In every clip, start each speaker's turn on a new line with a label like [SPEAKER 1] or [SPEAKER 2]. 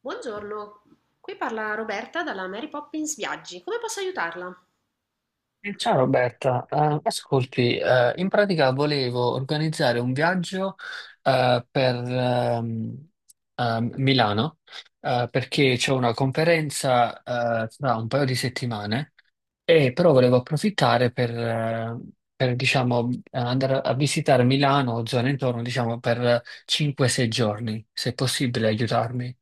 [SPEAKER 1] Buongiorno, qui parla Roberta dalla Mary Poppins Viaggi. Come posso aiutarla?
[SPEAKER 2] Ciao Roberta. Ascolti, in pratica volevo organizzare un viaggio per Milano, perché c'è una conferenza tra un paio di settimane, e però volevo approfittare per diciamo, andare a visitare Milano o zone intorno, diciamo, per 5-6 giorni, se è possibile aiutarmi.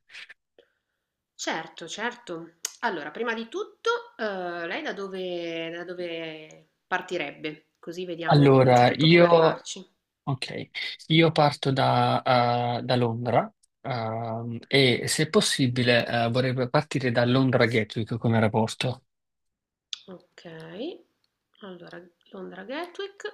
[SPEAKER 1] Certo, certo. Allora, prima di tutto, lei da dove partirebbe? Così vediamo
[SPEAKER 2] Allora,
[SPEAKER 1] innanzitutto come
[SPEAKER 2] io
[SPEAKER 1] arrivarci.
[SPEAKER 2] Ok, io parto da, da Londra, e se possibile vorrei partire da Londra Gatwick come aeroporto.
[SPEAKER 1] Ok, allora Londra Gatwick,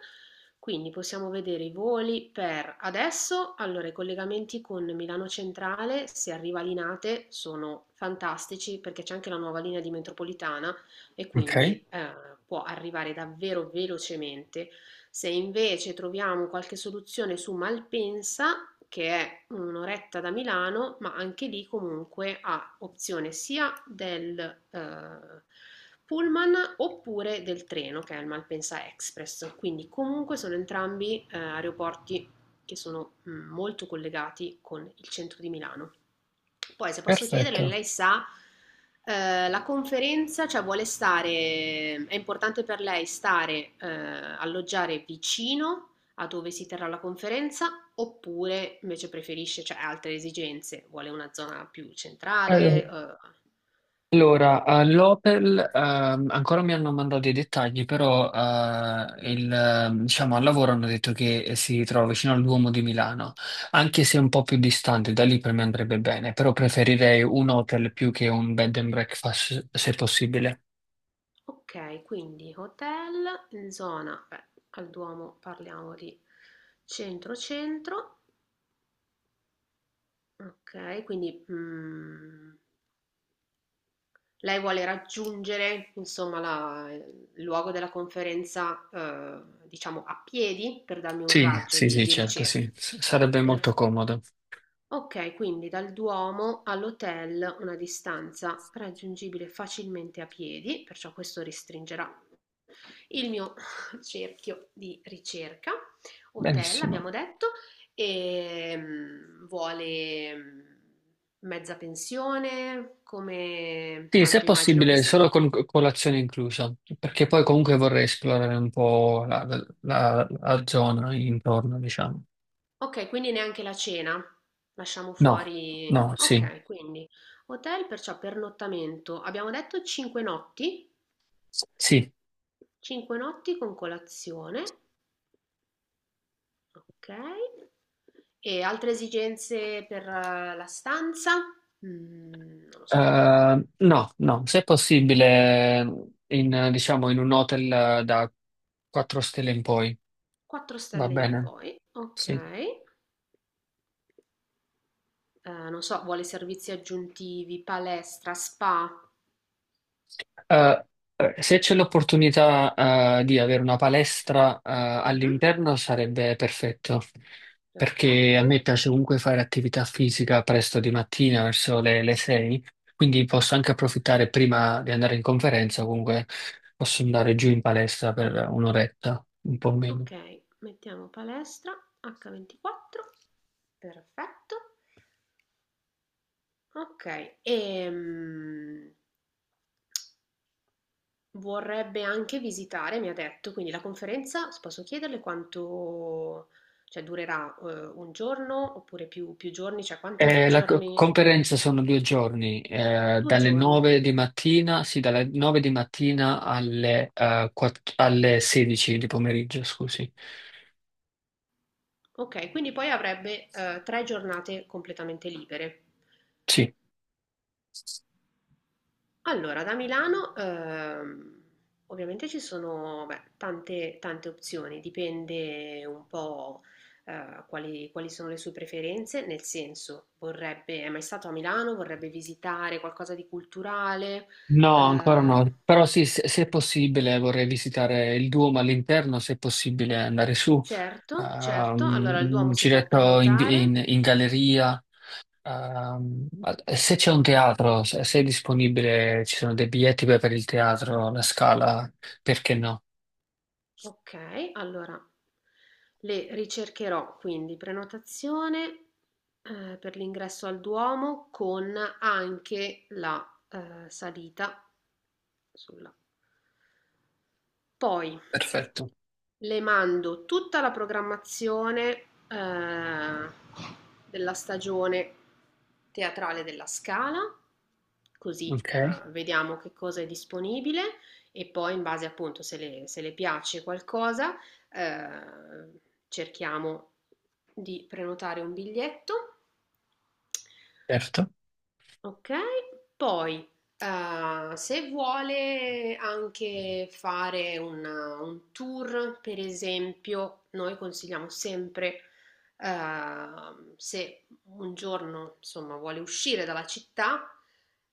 [SPEAKER 1] quindi possiamo vedere i voli per adesso, allora i collegamenti con Milano Centrale, se arriva a Linate, sono fantastici perché c'è anche la nuova linea di metropolitana e
[SPEAKER 2] Ok,
[SPEAKER 1] quindi può arrivare davvero velocemente. Se invece troviamo qualche soluzione su Malpensa, che è un'oretta da Milano, ma anche lì comunque ha opzione sia del pullman oppure del treno, che è il Malpensa Express. Quindi comunque sono entrambi aeroporti che sono molto collegati con il centro di Milano. Poi, se posso chiederle,
[SPEAKER 2] perfetto.
[SPEAKER 1] lei sa, la conferenza, cioè vuole stare, è importante per lei stare, alloggiare vicino a dove si terrà la conferenza, oppure invece preferisce, cioè ha altre esigenze, vuole una zona più
[SPEAKER 2] Allo-
[SPEAKER 1] centrale.
[SPEAKER 2] Allora, all'Opel ancora mi hanno mandato i dettagli, però diciamo, al lavoro hanno detto che si trova vicino al Duomo di Milano, anche se è un po' più distante, da lì per me andrebbe bene, però preferirei un hotel più che un bed and breakfast, se possibile.
[SPEAKER 1] Ok, quindi hotel in zona, beh, al Duomo parliamo di centro-centro, ok, quindi lei vuole raggiungere, insomma, il luogo della conferenza, diciamo, a piedi per darmi un
[SPEAKER 2] Sì,
[SPEAKER 1] raggio
[SPEAKER 2] sì,
[SPEAKER 1] di,
[SPEAKER 2] sì,
[SPEAKER 1] di
[SPEAKER 2] certo,
[SPEAKER 1] ricerca.
[SPEAKER 2] sì, sarebbe molto
[SPEAKER 1] Perf-
[SPEAKER 2] comodo.
[SPEAKER 1] Ok, quindi dal Duomo all'hotel una distanza raggiungibile facilmente a piedi, perciò questo restringerà il mio cerchio di ricerca. Hotel,
[SPEAKER 2] Benissimo.
[SPEAKER 1] abbiamo detto, e vuole mezza pensione, come
[SPEAKER 2] Sì, se è
[SPEAKER 1] tanto immagino che.
[SPEAKER 2] possibile, solo con colazione inclusa, perché poi comunque vorrei esplorare un po' la zona intorno, diciamo.
[SPEAKER 1] Ok, quindi neanche la cena. Lasciamo
[SPEAKER 2] No,
[SPEAKER 1] fuori.
[SPEAKER 2] no, sì,
[SPEAKER 1] Ok, quindi hotel, perciò pernottamento. Abbiamo detto 5 notti.
[SPEAKER 2] sì.
[SPEAKER 1] 5 notti con colazione. Ok. E altre esigenze per la stanza? Mm, non lo so.
[SPEAKER 2] No, no, se è possibile, in, diciamo, in un hotel da 4 stelle in poi,
[SPEAKER 1] 4
[SPEAKER 2] va
[SPEAKER 1] stelle in
[SPEAKER 2] bene,
[SPEAKER 1] poi. Ok.
[SPEAKER 2] sì.
[SPEAKER 1] Non so, vuole servizi aggiuntivi, palestra, spa.
[SPEAKER 2] Eh, Se c'è l'opportunità, di avere una palestra,
[SPEAKER 1] Mhm,
[SPEAKER 2] all'interno sarebbe perfetto, perché a
[SPEAKER 1] perfetto.
[SPEAKER 2] me piace comunque fare attività fisica presto di mattina, verso le 6, quindi posso anche approfittare prima di andare in conferenza, comunque posso andare giù in palestra per un'oretta, un po' meno.
[SPEAKER 1] Ok, mettiamo palestra H24, perfetto. Ok, e vorrebbe anche visitare, mi ha detto, quindi la conferenza, posso chiederle quanto, cioè durerà un giorno oppure più giorni, cioè quanti
[SPEAKER 2] La
[SPEAKER 1] giorni?
[SPEAKER 2] conferenza sono 2 giorni,
[SPEAKER 1] Due
[SPEAKER 2] dalle
[SPEAKER 1] giorni.
[SPEAKER 2] 9 di mattina, sì, dalle 9 di mattina alle, alle 16 di pomeriggio, scusi.
[SPEAKER 1] Ok, quindi poi avrebbe tre giornate completamente libere.
[SPEAKER 2] Sì.
[SPEAKER 1] Allora, da Milano ovviamente ci sono beh, tante, tante opzioni, dipende un po' quali sono le sue preferenze, nel senso vorrebbe, è mai stato a Milano, vorrebbe visitare qualcosa di culturale.
[SPEAKER 2] No, ancora
[SPEAKER 1] Eh,
[SPEAKER 2] no, però sì, se è possibile vorrei visitare il Duomo all'interno, se è possibile andare su,
[SPEAKER 1] certo, certo, allora il
[SPEAKER 2] un
[SPEAKER 1] Duomo si può
[SPEAKER 2] giretto in,
[SPEAKER 1] prenotare.
[SPEAKER 2] in galleria, ehm, se c'è un teatro, se è disponibile, ci sono dei biglietti per il teatro, la Scala, perché no?
[SPEAKER 1] Okay, allora le ricercherò, quindi prenotazione, per l'ingresso al Duomo con anche la, salita sulla. Poi
[SPEAKER 2] Perfetto.
[SPEAKER 1] le mando tutta la programmazione, della stagione teatrale della Scala, così,
[SPEAKER 2] Ok,
[SPEAKER 1] vediamo che cosa è disponibile e poi in base appunto se le piace qualcosa, eh, cerchiamo di prenotare un biglietto.
[SPEAKER 2] certo.
[SPEAKER 1] Okay, poi, se vuole anche fare un tour, per esempio, noi consigliamo sempre, se un giorno, insomma, vuole uscire dalla città,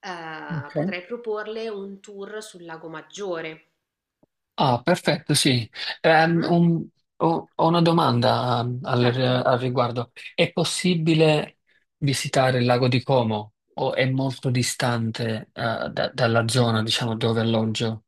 [SPEAKER 2] Ok.
[SPEAKER 1] potrei proporle un tour sul Lago Maggiore.
[SPEAKER 2] Ah, perfetto, sì. Ehm,
[SPEAKER 1] Mh?
[SPEAKER 2] un- Ho, ho una domanda,
[SPEAKER 1] Certo.
[SPEAKER 2] al riguardo. È possibile visitare il lago di Como, o è molto distante, dalla zona, diciamo, dove alloggio?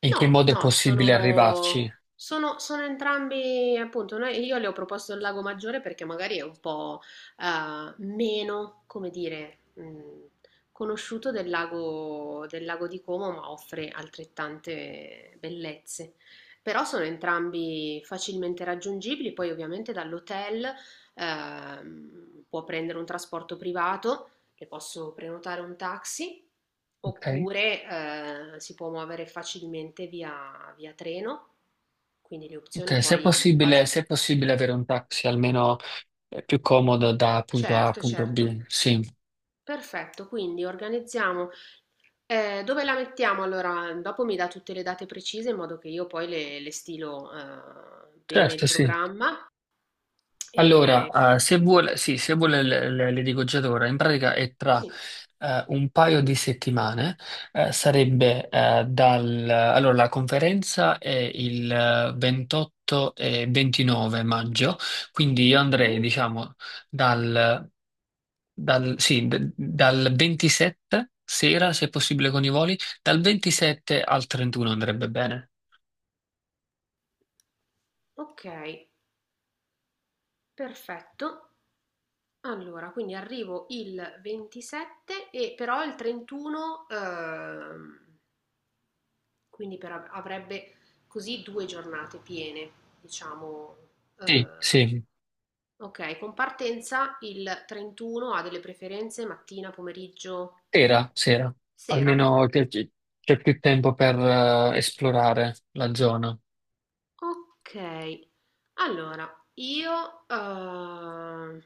[SPEAKER 2] In che
[SPEAKER 1] No,
[SPEAKER 2] modo è
[SPEAKER 1] no,
[SPEAKER 2] possibile
[SPEAKER 1] sono,
[SPEAKER 2] arrivarci?
[SPEAKER 1] sono, sono entrambi, appunto, io le ho proposto il Lago Maggiore perché magari è un po' meno, come dire, conosciuto del lago di Como, ma offre altrettante bellezze. Però sono entrambi facilmente raggiungibili, poi ovviamente dall'hotel può prendere un trasporto privato che posso prenotare un taxi
[SPEAKER 2] Ok?
[SPEAKER 1] oppure si può muovere facilmente via treno, quindi le opzioni
[SPEAKER 2] Ok, se è
[SPEAKER 1] poi in
[SPEAKER 2] possibile,
[SPEAKER 1] base.
[SPEAKER 2] se è possibile avere un taxi, almeno più comodo da punto A a
[SPEAKER 1] Certo,
[SPEAKER 2] punto
[SPEAKER 1] certo.
[SPEAKER 2] B. Sì,
[SPEAKER 1] Perfetto, quindi organizziamo. Dove la mettiamo? Allora, dopo mi dà tutte le date precise in modo che io poi le stilo bene il
[SPEAKER 2] certo, sì.
[SPEAKER 1] programma. E...
[SPEAKER 2] Allora, se vuole, sì, se vuole le dico già da ora, in pratica è tra
[SPEAKER 1] Sì,
[SPEAKER 2] un paio di settimane, sarebbe la conferenza è il 28 e 29 maggio, quindi io
[SPEAKER 1] ok,
[SPEAKER 2] andrei, diciamo, dal, sì, dal 27 sera, se possibile con i voli, dal 27 al 31 andrebbe bene.
[SPEAKER 1] ok, perfetto. Allora, quindi arrivo il 27 e però il 31, quindi avrebbe così due giornate piene, diciamo.
[SPEAKER 2] Sì,
[SPEAKER 1] eh,
[SPEAKER 2] sì.
[SPEAKER 1] ok, con partenza il 31 ha delle preferenze mattina, pomeriggio,
[SPEAKER 2] Sera, sera,
[SPEAKER 1] sera?
[SPEAKER 2] almeno che- che- c'è più tempo per esplorare la zona.
[SPEAKER 1] Ok, allora io... ehm,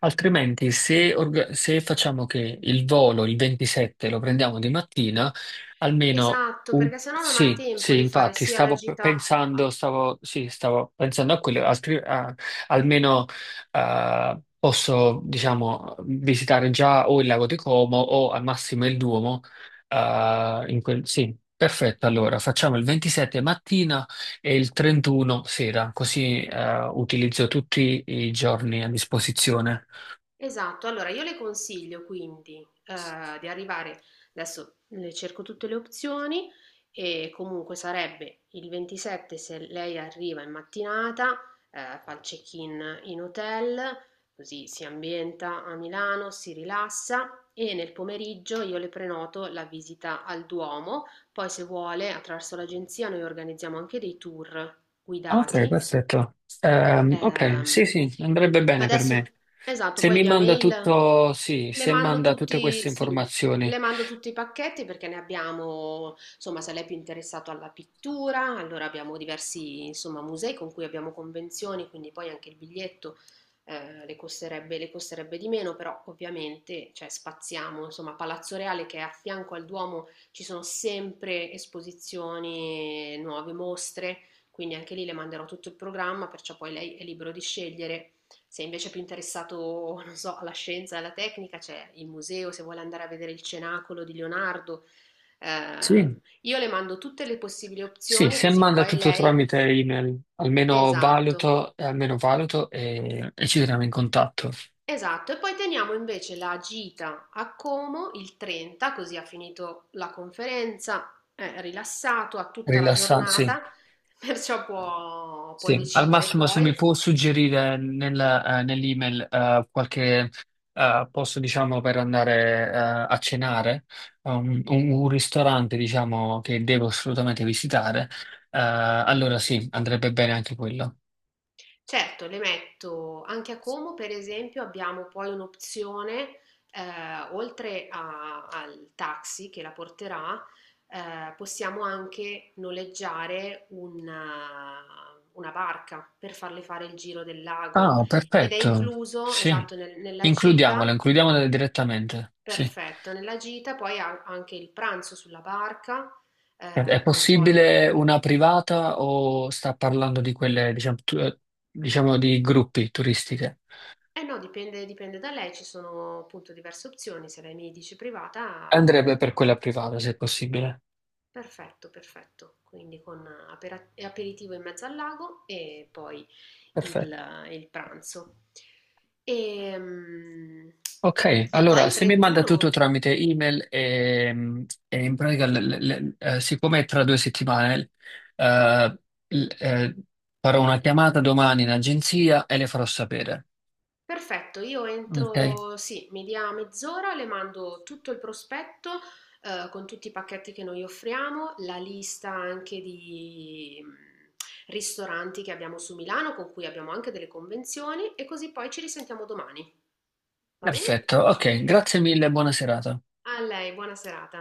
[SPEAKER 2] Altrimenti, se facciamo che il volo il 27 lo prendiamo di mattina,
[SPEAKER 1] esatto, perché sennò non ha
[SPEAKER 2] sì,
[SPEAKER 1] tempo
[SPEAKER 2] sì,
[SPEAKER 1] di fare
[SPEAKER 2] infatti
[SPEAKER 1] sia la
[SPEAKER 2] stavo
[SPEAKER 1] gita.
[SPEAKER 2] pensando, stavo pensando a quello, almeno posso, diciamo, visitare già o il lago di Como o al massimo il Duomo. Sì, perfetto. Allora facciamo il 27 mattina e il 31 sera, così utilizzo tutti i giorni a disposizione.
[SPEAKER 1] Esatto, allora io le consiglio quindi di arrivare, adesso le cerco tutte le opzioni e comunque sarebbe il 27 se lei arriva in mattinata, fa il check-in in hotel, così si ambienta a Milano, si rilassa e nel pomeriggio io le prenoto la visita al Duomo, poi se vuole attraverso l'agenzia noi organizziamo anche dei tour
[SPEAKER 2] Ok,
[SPEAKER 1] guidati.
[SPEAKER 2] perfetto. Ok, sì,
[SPEAKER 1] Ehm,
[SPEAKER 2] sì, andrebbe bene per me.
[SPEAKER 1] Adesso esatto,
[SPEAKER 2] Se
[SPEAKER 1] poi
[SPEAKER 2] mi
[SPEAKER 1] via
[SPEAKER 2] manda
[SPEAKER 1] mail
[SPEAKER 2] tutto, sì,
[SPEAKER 1] le
[SPEAKER 2] se
[SPEAKER 1] mando
[SPEAKER 2] manda tutte
[SPEAKER 1] tutti,
[SPEAKER 2] queste
[SPEAKER 1] sì,
[SPEAKER 2] informazioni.
[SPEAKER 1] le mando tutti i pacchetti perché ne abbiamo, insomma, se lei è più interessato alla pittura, allora abbiamo diversi, insomma, musei con cui abbiamo convenzioni, quindi poi anche il biglietto le costerebbe di meno, però ovviamente, cioè, spaziamo, insomma, Palazzo Reale che è a fianco al Duomo ci sono sempre esposizioni, nuove mostre. Quindi anche lì le manderò tutto il programma, perciò poi lei è libero di scegliere. Se invece è più interessato, non so, alla scienza e alla tecnica, c'è il museo, se vuole andare a vedere il cenacolo di Leonardo.
[SPEAKER 2] Sì,
[SPEAKER 1] Io le mando tutte le possibili
[SPEAKER 2] sì,
[SPEAKER 1] opzioni,
[SPEAKER 2] se
[SPEAKER 1] così
[SPEAKER 2] manda
[SPEAKER 1] poi
[SPEAKER 2] tutto
[SPEAKER 1] lei.
[SPEAKER 2] tramite email, almeno
[SPEAKER 1] Esatto,
[SPEAKER 2] valuto, almeno valuto, e ci teniamo in contatto.
[SPEAKER 1] esatto. E poi teniamo invece la gita a Como il 30, così ha finito la conferenza, è rilassato, ha tutta la
[SPEAKER 2] Rilassanti, sì.
[SPEAKER 1] giornata, perciò può
[SPEAKER 2] Sì, al
[SPEAKER 1] decidere
[SPEAKER 2] massimo se mi
[SPEAKER 1] poi.
[SPEAKER 2] può suggerire nell'email qualche posto, diciamo, per andare a cenare, un ristorante, diciamo, che devo assolutamente visitare, allora sì, andrebbe bene anche quello.
[SPEAKER 1] Certo, le metto anche a Como, per esempio, abbiamo poi un'opzione, oltre al taxi che la porterà, possiamo anche noleggiare una barca per farle fare il giro del lago
[SPEAKER 2] Ah,
[SPEAKER 1] ed è
[SPEAKER 2] perfetto,
[SPEAKER 1] incluso,
[SPEAKER 2] sì,
[SPEAKER 1] esatto, nella
[SPEAKER 2] includiamolo,
[SPEAKER 1] gita,
[SPEAKER 2] includiamolo direttamente, sì.
[SPEAKER 1] perfetto, nella gita poi ha anche il pranzo sulla barca,
[SPEAKER 2] È
[SPEAKER 1] con poi.
[SPEAKER 2] possibile una privata o sta parlando di quelle, diciamo, diciamo di gruppi turistiche?
[SPEAKER 1] Eh no, dipende da lei, ci sono appunto diverse opzioni, se lei mi dice privata la
[SPEAKER 2] Andrebbe per
[SPEAKER 1] prendiamo.
[SPEAKER 2] quella privata, se possibile.
[SPEAKER 1] Perfetto, perfetto. Quindi con aperitivo in mezzo al lago e poi
[SPEAKER 2] Perfetto.
[SPEAKER 1] il pranzo. Ehm,
[SPEAKER 2] Ok,
[SPEAKER 1] E, poi
[SPEAKER 2] allora
[SPEAKER 1] il
[SPEAKER 2] se mi manda tutto
[SPEAKER 1] 31.
[SPEAKER 2] tramite email, e in pratica, siccome è tra 2 settimane, eh, l- eh, farò una chiamata domani in agenzia e le farò sapere.
[SPEAKER 1] Perfetto, io
[SPEAKER 2] Ok?
[SPEAKER 1] entro, sì, mi dia mezz'ora, le mando tutto il prospetto con tutti i pacchetti che noi offriamo, la lista anche di ristoranti che abbiamo su Milano, con cui abbiamo anche delle convenzioni, e così poi ci risentiamo domani. Va bene?
[SPEAKER 2] Perfetto, ok, grazie mille, buona serata.
[SPEAKER 1] A lei, buona serata.